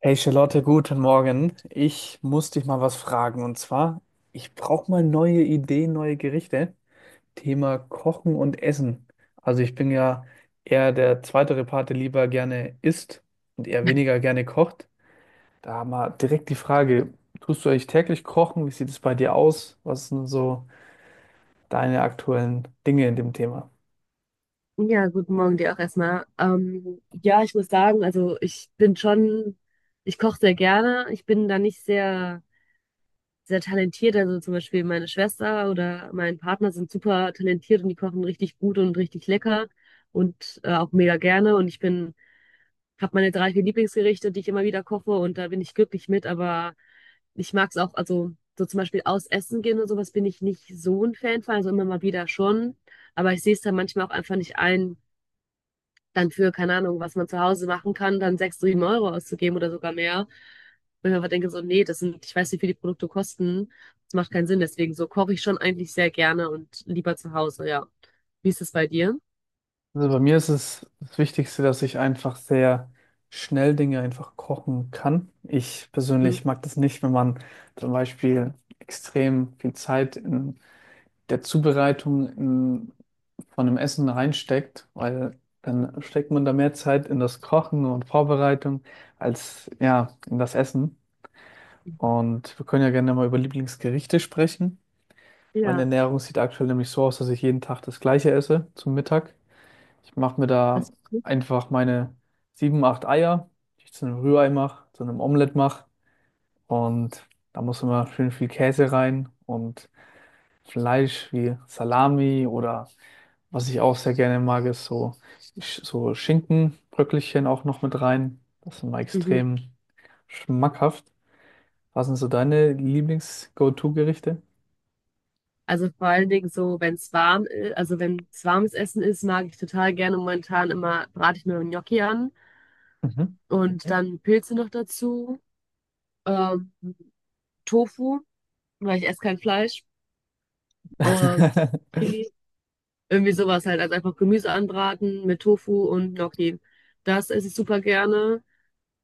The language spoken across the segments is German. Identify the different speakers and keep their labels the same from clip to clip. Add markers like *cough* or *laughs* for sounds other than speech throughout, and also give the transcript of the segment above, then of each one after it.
Speaker 1: Hey Charlotte, guten Morgen. Ich muss dich mal was fragen und zwar, ich brauche mal neue Ideen, neue Gerichte. Thema Kochen und Essen. Also ich bin ja eher der zweitere Part, der lieber gerne isst und eher weniger gerne kocht. Da mal direkt die Frage, tust du eigentlich täglich kochen? Wie sieht es bei dir aus? Was sind so deine aktuellen Dinge in dem Thema?
Speaker 2: Ja, guten Morgen dir auch erstmal. Ja, ich muss sagen, also ich koche sehr gerne. Ich bin da nicht sehr, sehr talentiert. Also zum Beispiel meine Schwester oder mein Partner sind super talentiert und die kochen richtig gut und richtig lecker und auch mega gerne. Habe meine drei, vier Lieblingsgerichte, die ich immer wieder koche und da bin ich glücklich mit. Aber ich mag es auch, also so zum Beispiel aus Essen gehen und sowas bin ich nicht so ein Fan von, also immer mal wieder schon. Aber ich sehe es dann manchmal auch einfach nicht ein dann für, keine Ahnung, was man zu Hause machen kann, dann 6, 7 Euro auszugeben oder sogar mehr. Und ich mir einfach denke so, nee, das sind, ich weiß nicht, wie viel die Produkte kosten. Das macht keinen Sinn. Deswegen so koche ich schon eigentlich sehr gerne und lieber zu Hause, ja. Wie ist das bei dir?
Speaker 1: Also bei mir ist es das Wichtigste, dass ich einfach sehr schnell Dinge einfach kochen kann. Ich
Speaker 2: Mhm.
Speaker 1: persönlich mag das nicht, wenn man zum Beispiel extrem viel Zeit in der Zubereitung von einem Essen reinsteckt, weil dann steckt man da mehr Zeit in das Kochen und Vorbereitung als ja in das Essen. Und wir können ja gerne mal über Lieblingsgerichte sprechen. Meine
Speaker 2: Ja.
Speaker 1: Ernährung sieht aktuell nämlich so aus, dass ich jeden Tag das Gleiche esse zum Mittag. Ich mache mir da
Speaker 2: Das,
Speaker 1: einfach meine sieben, acht Eier, die ich zu einem Rührei mache, zu einem Omelett mache. Und da muss immer schön viel Käse rein und Fleisch wie Salami oder was ich auch sehr gerne mag, ist so, so Schinkenbröckelchen auch noch mit rein. Das ist immer
Speaker 2: mhm.
Speaker 1: extrem schmackhaft. Was sind so deine Lieblings-Go-To-Gerichte?
Speaker 2: Also vor allen Dingen so, wenn es warm ist, also wenn es warmes Essen ist, mag ich total gerne momentan immer, brate ich mir einen Gnocchi an
Speaker 1: Mhm.
Speaker 2: und dann Pilze noch dazu, ähm, Tofu, weil ich esse kein Fleisch. Ähm,
Speaker 1: *laughs*
Speaker 2: Irgendwie sowas halt. Also einfach Gemüse anbraten mit Tofu und Gnocchi. Das esse ich super gerne.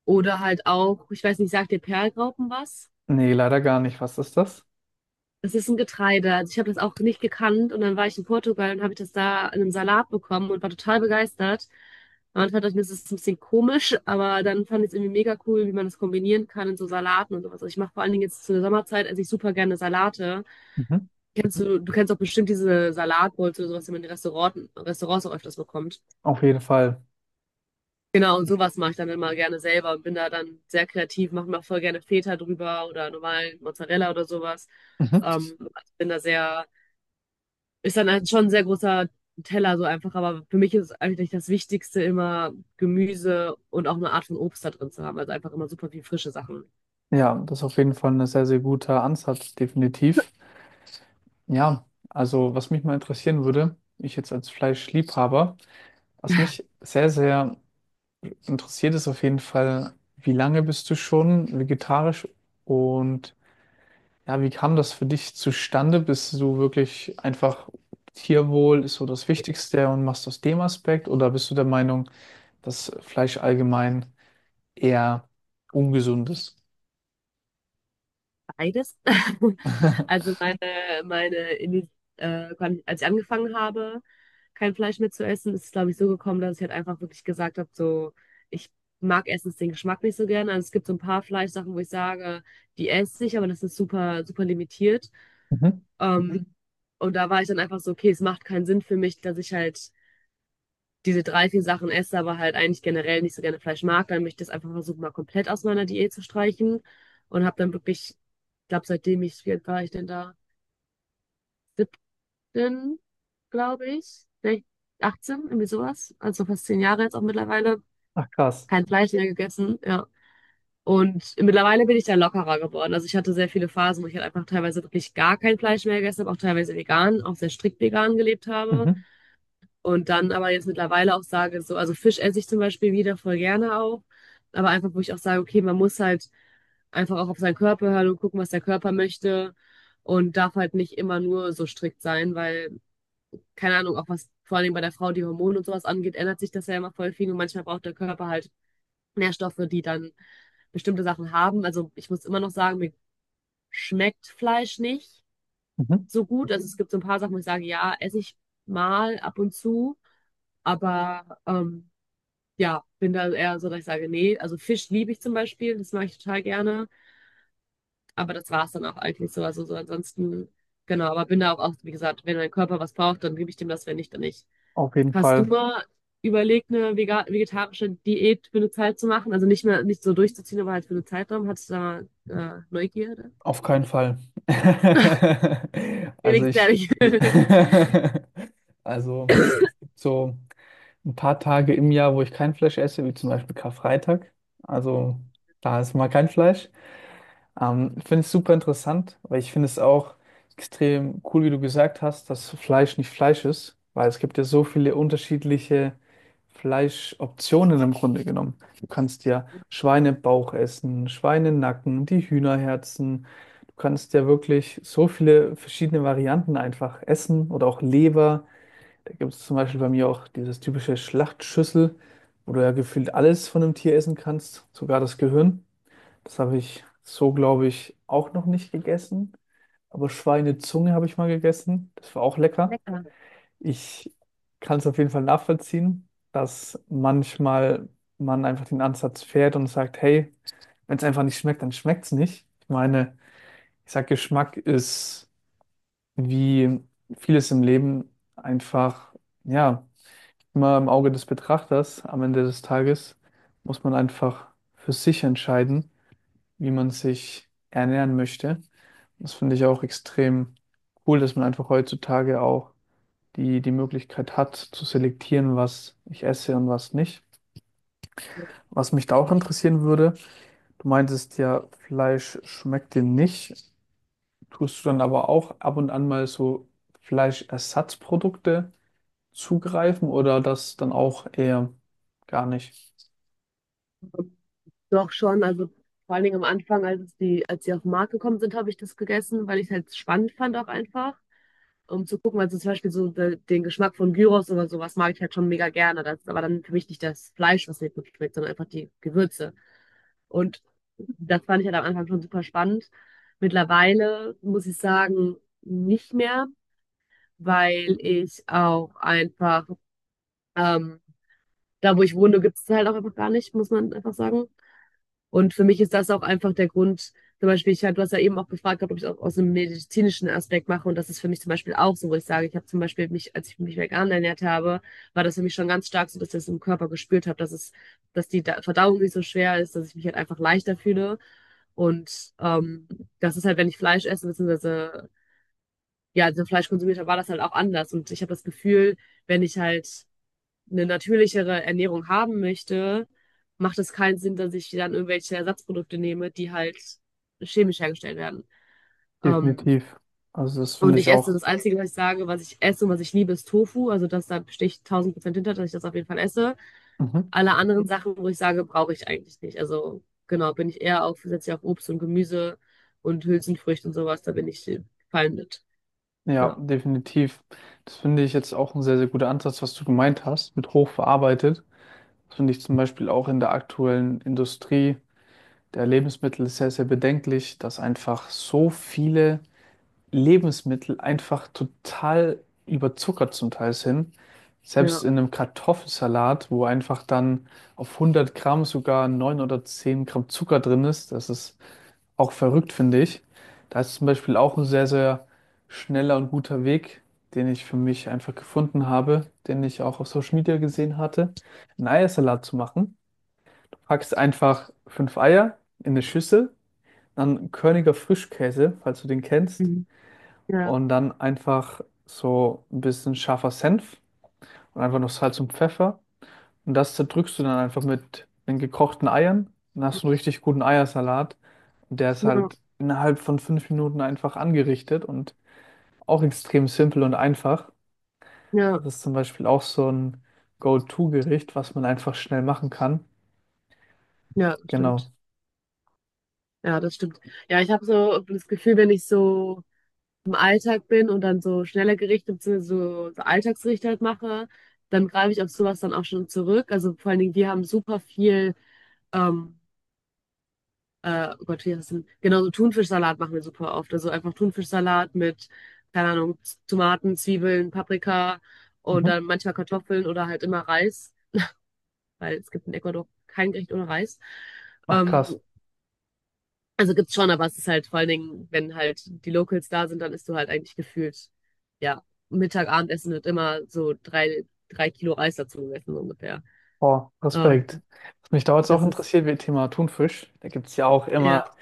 Speaker 2: Oder halt auch, ich weiß nicht, sagt dir Perlgraupen was?
Speaker 1: Nee, leider gar nicht. Was ist das?
Speaker 2: Das ist ein Getreide. Also ich habe das auch nicht gekannt und dann war ich in Portugal und habe ich das da in einem Salat bekommen und war total begeistert. Am Anfang dachte ich mir, das ist ein bisschen komisch, aber dann fand ich es irgendwie mega cool, wie man das kombinieren kann in so Salaten und sowas. Also ich mache vor allen Dingen jetzt zu der Sommerzeit, esse ich super gerne Salate.
Speaker 1: Mhm.
Speaker 2: Kennst du, du kennst auch bestimmt diese Salatbowls oder sowas, die man in Restaurants auch öfters bekommt.
Speaker 1: Auf jeden Fall.
Speaker 2: Genau, und sowas mache ich dann immer gerne selber und bin da dann sehr kreativ, mache mir auch voll gerne Feta drüber oder normalen Mozzarella oder sowas.
Speaker 1: Mhm.
Speaker 2: Also ist dann halt schon ein sehr großer Teller so einfach, aber für mich ist eigentlich das Wichtigste immer Gemüse und auch eine Art von Obst da drin zu haben, also einfach immer super viel frische Sachen.
Speaker 1: Ja, das ist auf jeden Fall ein sehr, sehr guter Ansatz, definitiv. Ja, also was mich mal interessieren würde, ich jetzt als Fleischliebhaber, was mich sehr, sehr interessiert, ist auf jeden Fall, wie lange bist du schon vegetarisch und ja, wie kam das für dich zustande? Bist du wirklich einfach Tierwohl ist so das Wichtigste und machst aus dem Aspekt oder bist du der Meinung, dass Fleisch allgemein eher ungesund ist?
Speaker 2: Beides. *laughs*
Speaker 1: *laughs*
Speaker 2: Also meine, Ini- als ich angefangen habe, kein Fleisch mehr zu essen, ist es, glaube ich, so gekommen, dass ich halt einfach wirklich gesagt habe, so, ich mag erstens den Geschmack nicht so gerne. Also es gibt so ein paar Fleischsachen, wo ich sage, die esse ich, aber das ist super, super limitiert.
Speaker 1: Mhm.
Speaker 2: Ähm, Mhm. Und da war ich dann einfach so, okay, es macht keinen Sinn für mich, dass ich halt diese drei, vier Sachen esse, aber halt eigentlich generell nicht so gerne Fleisch mag, dann möchte ich das einfach versuchen, mal komplett aus meiner Diät zu streichen. Und habe dann wirklich, ich glaube, seitdem ich, wie alt war ich denn da? 17, glaube ich. Vielleicht 18, irgendwie sowas. Also fast 10 Jahre jetzt auch mittlerweile.
Speaker 1: Ach, krass.
Speaker 2: Kein Fleisch mehr gegessen, ja. Und mittlerweile bin ich da lockerer geworden. Also ich hatte sehr viele Phasen, wo ich halt einfach teilweise wirklich gar kein Fleisch mehr gegessen habe, auch teilweise vegan, auch sehr strikt vegan gelebt habe.
Speaker 1: Mhm.
Speaker 2: Und dann aber jetzt mittlerweile auch sage, so, also Fisch esse ich zum Beispiel wieder voll gerne auch. Aber einfach, wo ich auch sage, okay, man muss halt einfach auch auf seinen Körper hören und gucken, was der Körper möchte. Und darf halt nicht immer nur so strikt sein, weil, keine Ahnung, auch was vor allem bei der Frau die Hormone und sowas angeht, ändert sich das ja immer voll viel. Und manchmal braucht der Körper halt Nährstoffe, die dann bestimmte Sachen haben. Also ich muss immer noch sagen, mir schmeckt Fleisch nicht
Speaker 1: Mhm.
Speaker 2: so gut. Also es gibt so ein paar Sachen, wo ich sage, ja, esse ich mal ab und zu. Aber ja, bin da eher so, dass ich sage, nee, also Fisch liebe ich zum Beispiel, das mache ich total gerne, aber das war es dann auch eigentlich so, also so ansonsten, genau, aber bin da auch, auch, wie gesagt, wenn mein Körper was braucht, dann gebe ich dem das, wenn nicht, dann nicht.
Speaker 1: Auf jeden
Speaker 2: Hast du
Speaker 1: Fall.
Speaker 2: mal überlegt, eine vegetarische Diät für eine Zeit zu machen? Also nicht mehr, nicht so durchzuziehen, aber halt für eine Zeitraum, hattest du da Neugierde?
Speaker 1: Auf keinen Fall. *laughs* Also
Speaker 2: Wenigstens
Speaker 1: ich,
Speaker 2: ehrlich. *laughs*
Speaker 1: *laughs* also es gibt so ein paar Tage im Jahr, wo ich kein Fleisch esse, wie zum Beispiel Karfreitag. Also da ist mal kein Fleisch. Ich finde es super interessant, weil ich finde es auch extrem cool, wie du gesagt hast, dass Fleisch nicht Fleisch ist, weil es gibt ja so viele unterschiedliche Fleischoptionen im Grunde genommen. Du kannst ja Schweinebauch essen, Schweinenacken, die Hühnerherzen. Du kannst ja wirklich so viele verschiedene Varianten einfach essen oder auch Leber. Da gibt es zum Beispiel bei mir auch dieses typische Schlachtschüssel, wo du ja gefühlt alles von einem Tier essen kannst, sogar das Gehirn. Das habe ich so, glaube ich, auch noch nicht gegessen. Aber Schweinezunge habe ich mal gegessen. Das war auch lecker. Ich kann es auf jeden Fall nachvollziehen, dass manchmal man einfach den Ansatz fährt und sagt, hey, wenn es einfach nicht schmeckt, dann schmeckt es nicht. Ich meine, ich sag, Geschmack ist wie vieles im Leben einfach, ja, immer im Auge des Betrachters. Am Ende des Tages muss man einfach für sich entscheiden, wie man sich ernähren möchte. Das finde ich auch extrem cool, dass man einfach heutzutage auch die Möglichkeit hat, zu selektieren, was ich esse und was nicht. Was mich da auch interessieren würde, du meintest ja, Fleisch schmeckt dir nicht. Tust du dann aber auch ab und an mal so Fleischersatzprodukte zugreifen oder das dann auch eher gar nicht?
Speaker 2: Doch schon, also vor allen Dingen am Anfang, als es die, als sie auf den Markt gekommen sind, habe ich das gegessen, weil ich es halt spannend fand auch einfach, um zu gucken, also zum Beispiel so den Geschmack von Gyros oder sowas mag ich halt schon mega gerne. Das ist aber dann für mich nicht das Fleisch, was mir gut schmeckt, sondern einfach die Gewürze. Und das fand ich halt am Anfang schon super spannend. Mittlerweile muss ich sagen, nicht mehr, weil ich auch einfach, ähm, da wo ich wohne, gibt es halt auch einfach gar nicht, muss man einfach sagen. Und für mich ist das auch einfach der Grund, zum Beispiel, ich, du hast ja eben auch gefragt, ob ich es auch aus einem medizinischen Aspekt mache. Und das ist für mich zum Beispiel auch so, wo ich sage, ich habe zum Beispiel mich, als ich mich vegan ernährt habe, war das für mich schon ganz stark so, dass ich das im Körper gespürt habe, dass es, dass die Verdauung nicht so schwer ist, dass ich mich halt einfach leichter fühle. Und das ist halt, wenn ich Fleisch esse, beziehungsweise ja, also Fleisch konsumiert habe, war das halt auch anders. Und ich habe das Gefühl, wenn ich halt eine natürlichere Ernährung haben möchte, macht es keinen Sinn, dass ich dann irgendwelche Ersatzprodukte nehme, die halt chemisch hergestellt werden. Ähm,
Speaker 1: Definitiv. Also das finde
Speaker 2: und
Speaker 1: ich
Speaker 2: ich esse
Speaker 1: auch.
Speaker 2: das Einzige, was ich sage, was ich esse und was ich liebe, ist Tofu. Also das, da stehe ich 1000% hinter, dass ich das auf jeden Fall esse.
Speaker 1: Mhm.
Speaker 2: Alle anderen Sachen, wo ich sage, brauche ich eigentlich nicht. Also genau, bin ich eher auf, setze ich auf Obst und Gemüse und Hülsenfrüchte und sowas, da bin ich fein mit.
Speaker 1: Ja,
Speaker 2: Ja,
Speaker 1: definitiv. Das finde ich jetzt auch ein sehr, sehr guter Ansatz, was du gemeint hast, mit hochverarbeitet. Das finde ich zum Beispiel auch in der aktuellen Industrie der Lebensmittel sehr, sehr bedenklich, dass einfach so viele Lebensmittel einfach total überzuckert zum Teil sind. Selbst
Speaker 2: ja,
Speaker 1: in einem Kartoffelsalat, wo einfach dann auf 100 Gramm sogar 9 oder 10 Gramm Zucker drin ist, das ist auch verrückt, finde ich. Da ist zum Beispiel auch ein sehr, sehr schneller und guter Weg, den ich für mich einfach gefunden habe, den ich auch auf Social Media gesehen hatte, einen Eiersalat zu machen. Du packst einfach fünf Eier in eine Schüssel, dann körniger Frischkäse, falls du den kennst,
Speaker 2: mhm. Ja,
Speaker 1: und dann einfach so ein bisschen scharfer Senf und einfach noch Salz und Pfeffer. Und das zerdrückst du dann einfach mit den gekochten Eiern. Dann hast du einen richtig guten Eiersalat. Und der ist
Speaker 2: ja,
Speaker 1: halt innerhalb von 5 Minuten einfach angerichtet und auch extrem simpel und einfach.
Speaker 2: ja,
Speaker 1: Das ist zum Beispiel auch so ein Go-To-Gericht, was man einfach schnell machen kann.
Speaker 2: ja, stimmt.
Speaker 1: Genau.
Speaker 2: Ja, das stimmt. Ja, ich habe so das Gefühl, wenn ich so im Alltag bin und dann so schnelle Gerichte, beziehungsweise so, so Alltagsgerichte halt mache, dann greife ich auf sowas dann auch schon zurück. Also vor allen Dingen, wir haben super viel, ähm, oh Gott, wie heißt das denn? Genau, so Thunfischsalat machen wir super oft. Also einfach Thunfischsalat mit, keine Ahnung, Tomaten, Zwiebeln, Paprika und
Speaker 1: Mhm.
Speaker 2: dann manchmal Kartoffeln oder halt immer Reis, weil es gibt in Ecuador kein Gericht ohne Reis.
Speaker 1: Ach, krass.
Speaker 2: Ähm, Also gibt's schon, aber es ist halt vor allen Dingen, wenn halt die Locals da sind, dann isst du halt eigentlich gefühlt, ja, Mittag, Abendessen wird immer so drei Kilo Reis dazu gegessen, so ungefähr.
Speaker 1: Boah, Respekt.
Speaker 2: Ähm,
Speaker 1: Was mich da jetzt auch
Speaker 2: das ist,
Speaker 1: interessiert, wie Thema Thunfisch. Da gibt es ja auch
Speaker 2: ja,
Speaker 1: immer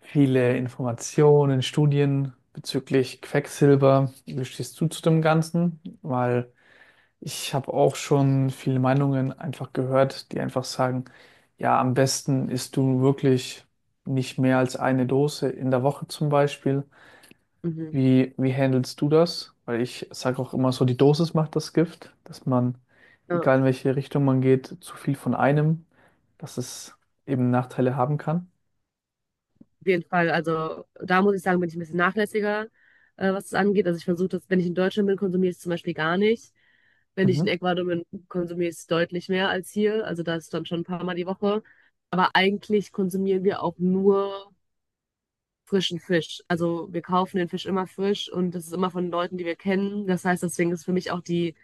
Speaker 1: viele Informationen, Studien bezüglich Quecksilber. Wie stehst du zu dem Ganzen? Weil ich habe auch schon viele Meinungen einfach gehört, die einfach sagen, ja, am besten isst du wirklich nicht mehr als eine Dose in der Woche zum Beispiel.
Speaker 2: mhm.
Speaker 1: Wie, wie handelst du das? Weil ich sage auch immer so, die Dosis macht das Gift, dass man,
Speaker 2: Ja,
Speaker 1: egal in welche Richtung man geht, zu viel von einem, dass es eben Nachteile haben kann.
Speaker 2: auf jeden Fall. Also da muss ich sagen, bin ich ein bisschen nachlässiger, was das angeht. Also ich versuche das, wenn ich in Deutschland bin, konsumiere ich es zum Beispiel gar nicht. Wenn ich in
Speaker 1: Mhm.
Speaker 2: Ecuador bin, konsumiere ich es deutlich mehr als hier. Also da ist dann schon ein paar Mal die Woche. Aber eigentlich konsumieren wir auch nur frischen Fisch. Also wir kaufen den Fisch immer frisch und das ist immer von Leuten, die wir kennen. Das heißt, deswegen ist für mich auch die,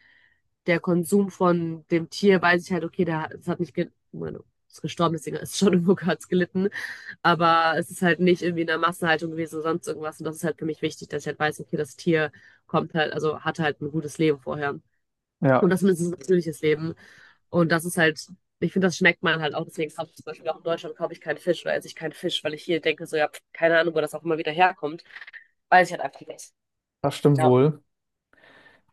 Speaker 2: der Konsum von dem Tier, weiß ich halt, okay, der, das hat nicht, ge bueno, ist gestorben, deswegen ist es schon *laughs* irgendwo kurz gelitten. Aber es ist halt nicht irgendwie in der Massenhaltung gewesen oder sonst irgendwas. Und das ist halt für mich wichtig, dass ich halt weiß, okay, das Tier kommt halt, also hatte halt ein gutes Leben vorher. Und
Speaker 1: Ja,
Speaker 2: das mindestens ein natürliches Leben. Und das ist halt, ich finde, das schmeckt man halt auch. Deswegen kaufe ich zum Beispiel auch in Deutschland kaufe ich keinen Fisch oder esse ich keinen Fisch, weil ich hier denke, so ja, pf, keine Ahnung, wo das auch immer wieder herkommt. Weil ich halt einfach vergessen.
Speaker 1: das stimmt
Speaker 2: Ja.
Speaker 1: wohl.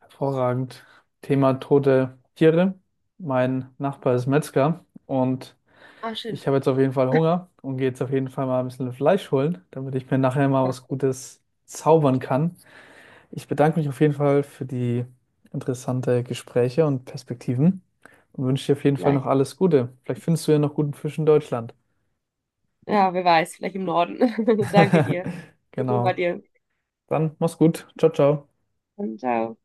Speaker 1: Hervorragend. Thema tote Tiere. Mein Nachbar ist Metzger und
Speaker 2: Ah, schön.
Speaker 1: ich habe jetzt auf jeden Fall Hunger und gehe jetzt auf jeden Fall mal ein bisschen Fleisch holen, damit ich mir nachher mal was
Speaker 2: Ja,
Speaker 1: Gutes zaubern kann. Ich bedanke mich auf jeden Fall für die interessanten Gespräche und Perspektiven und wünsche dir auf jeden Fall noch
Speaker 2: vielleicht.
Speaker 1: alles Gute. Vielleicht findest du ja noch guten Fisch in Deutschland.
Speaker 2: Ja, wer weiß, vielleicht im Norden. *laughs* Danke dir.
Speaker 1: *laughs*
Speaker 2: Gut bei
Speaker 1: Genau.
Speaker 2: dir.
Speaker 1: Dann mach's gut. Ciao, ciao.
Speaker 2: Und ciao.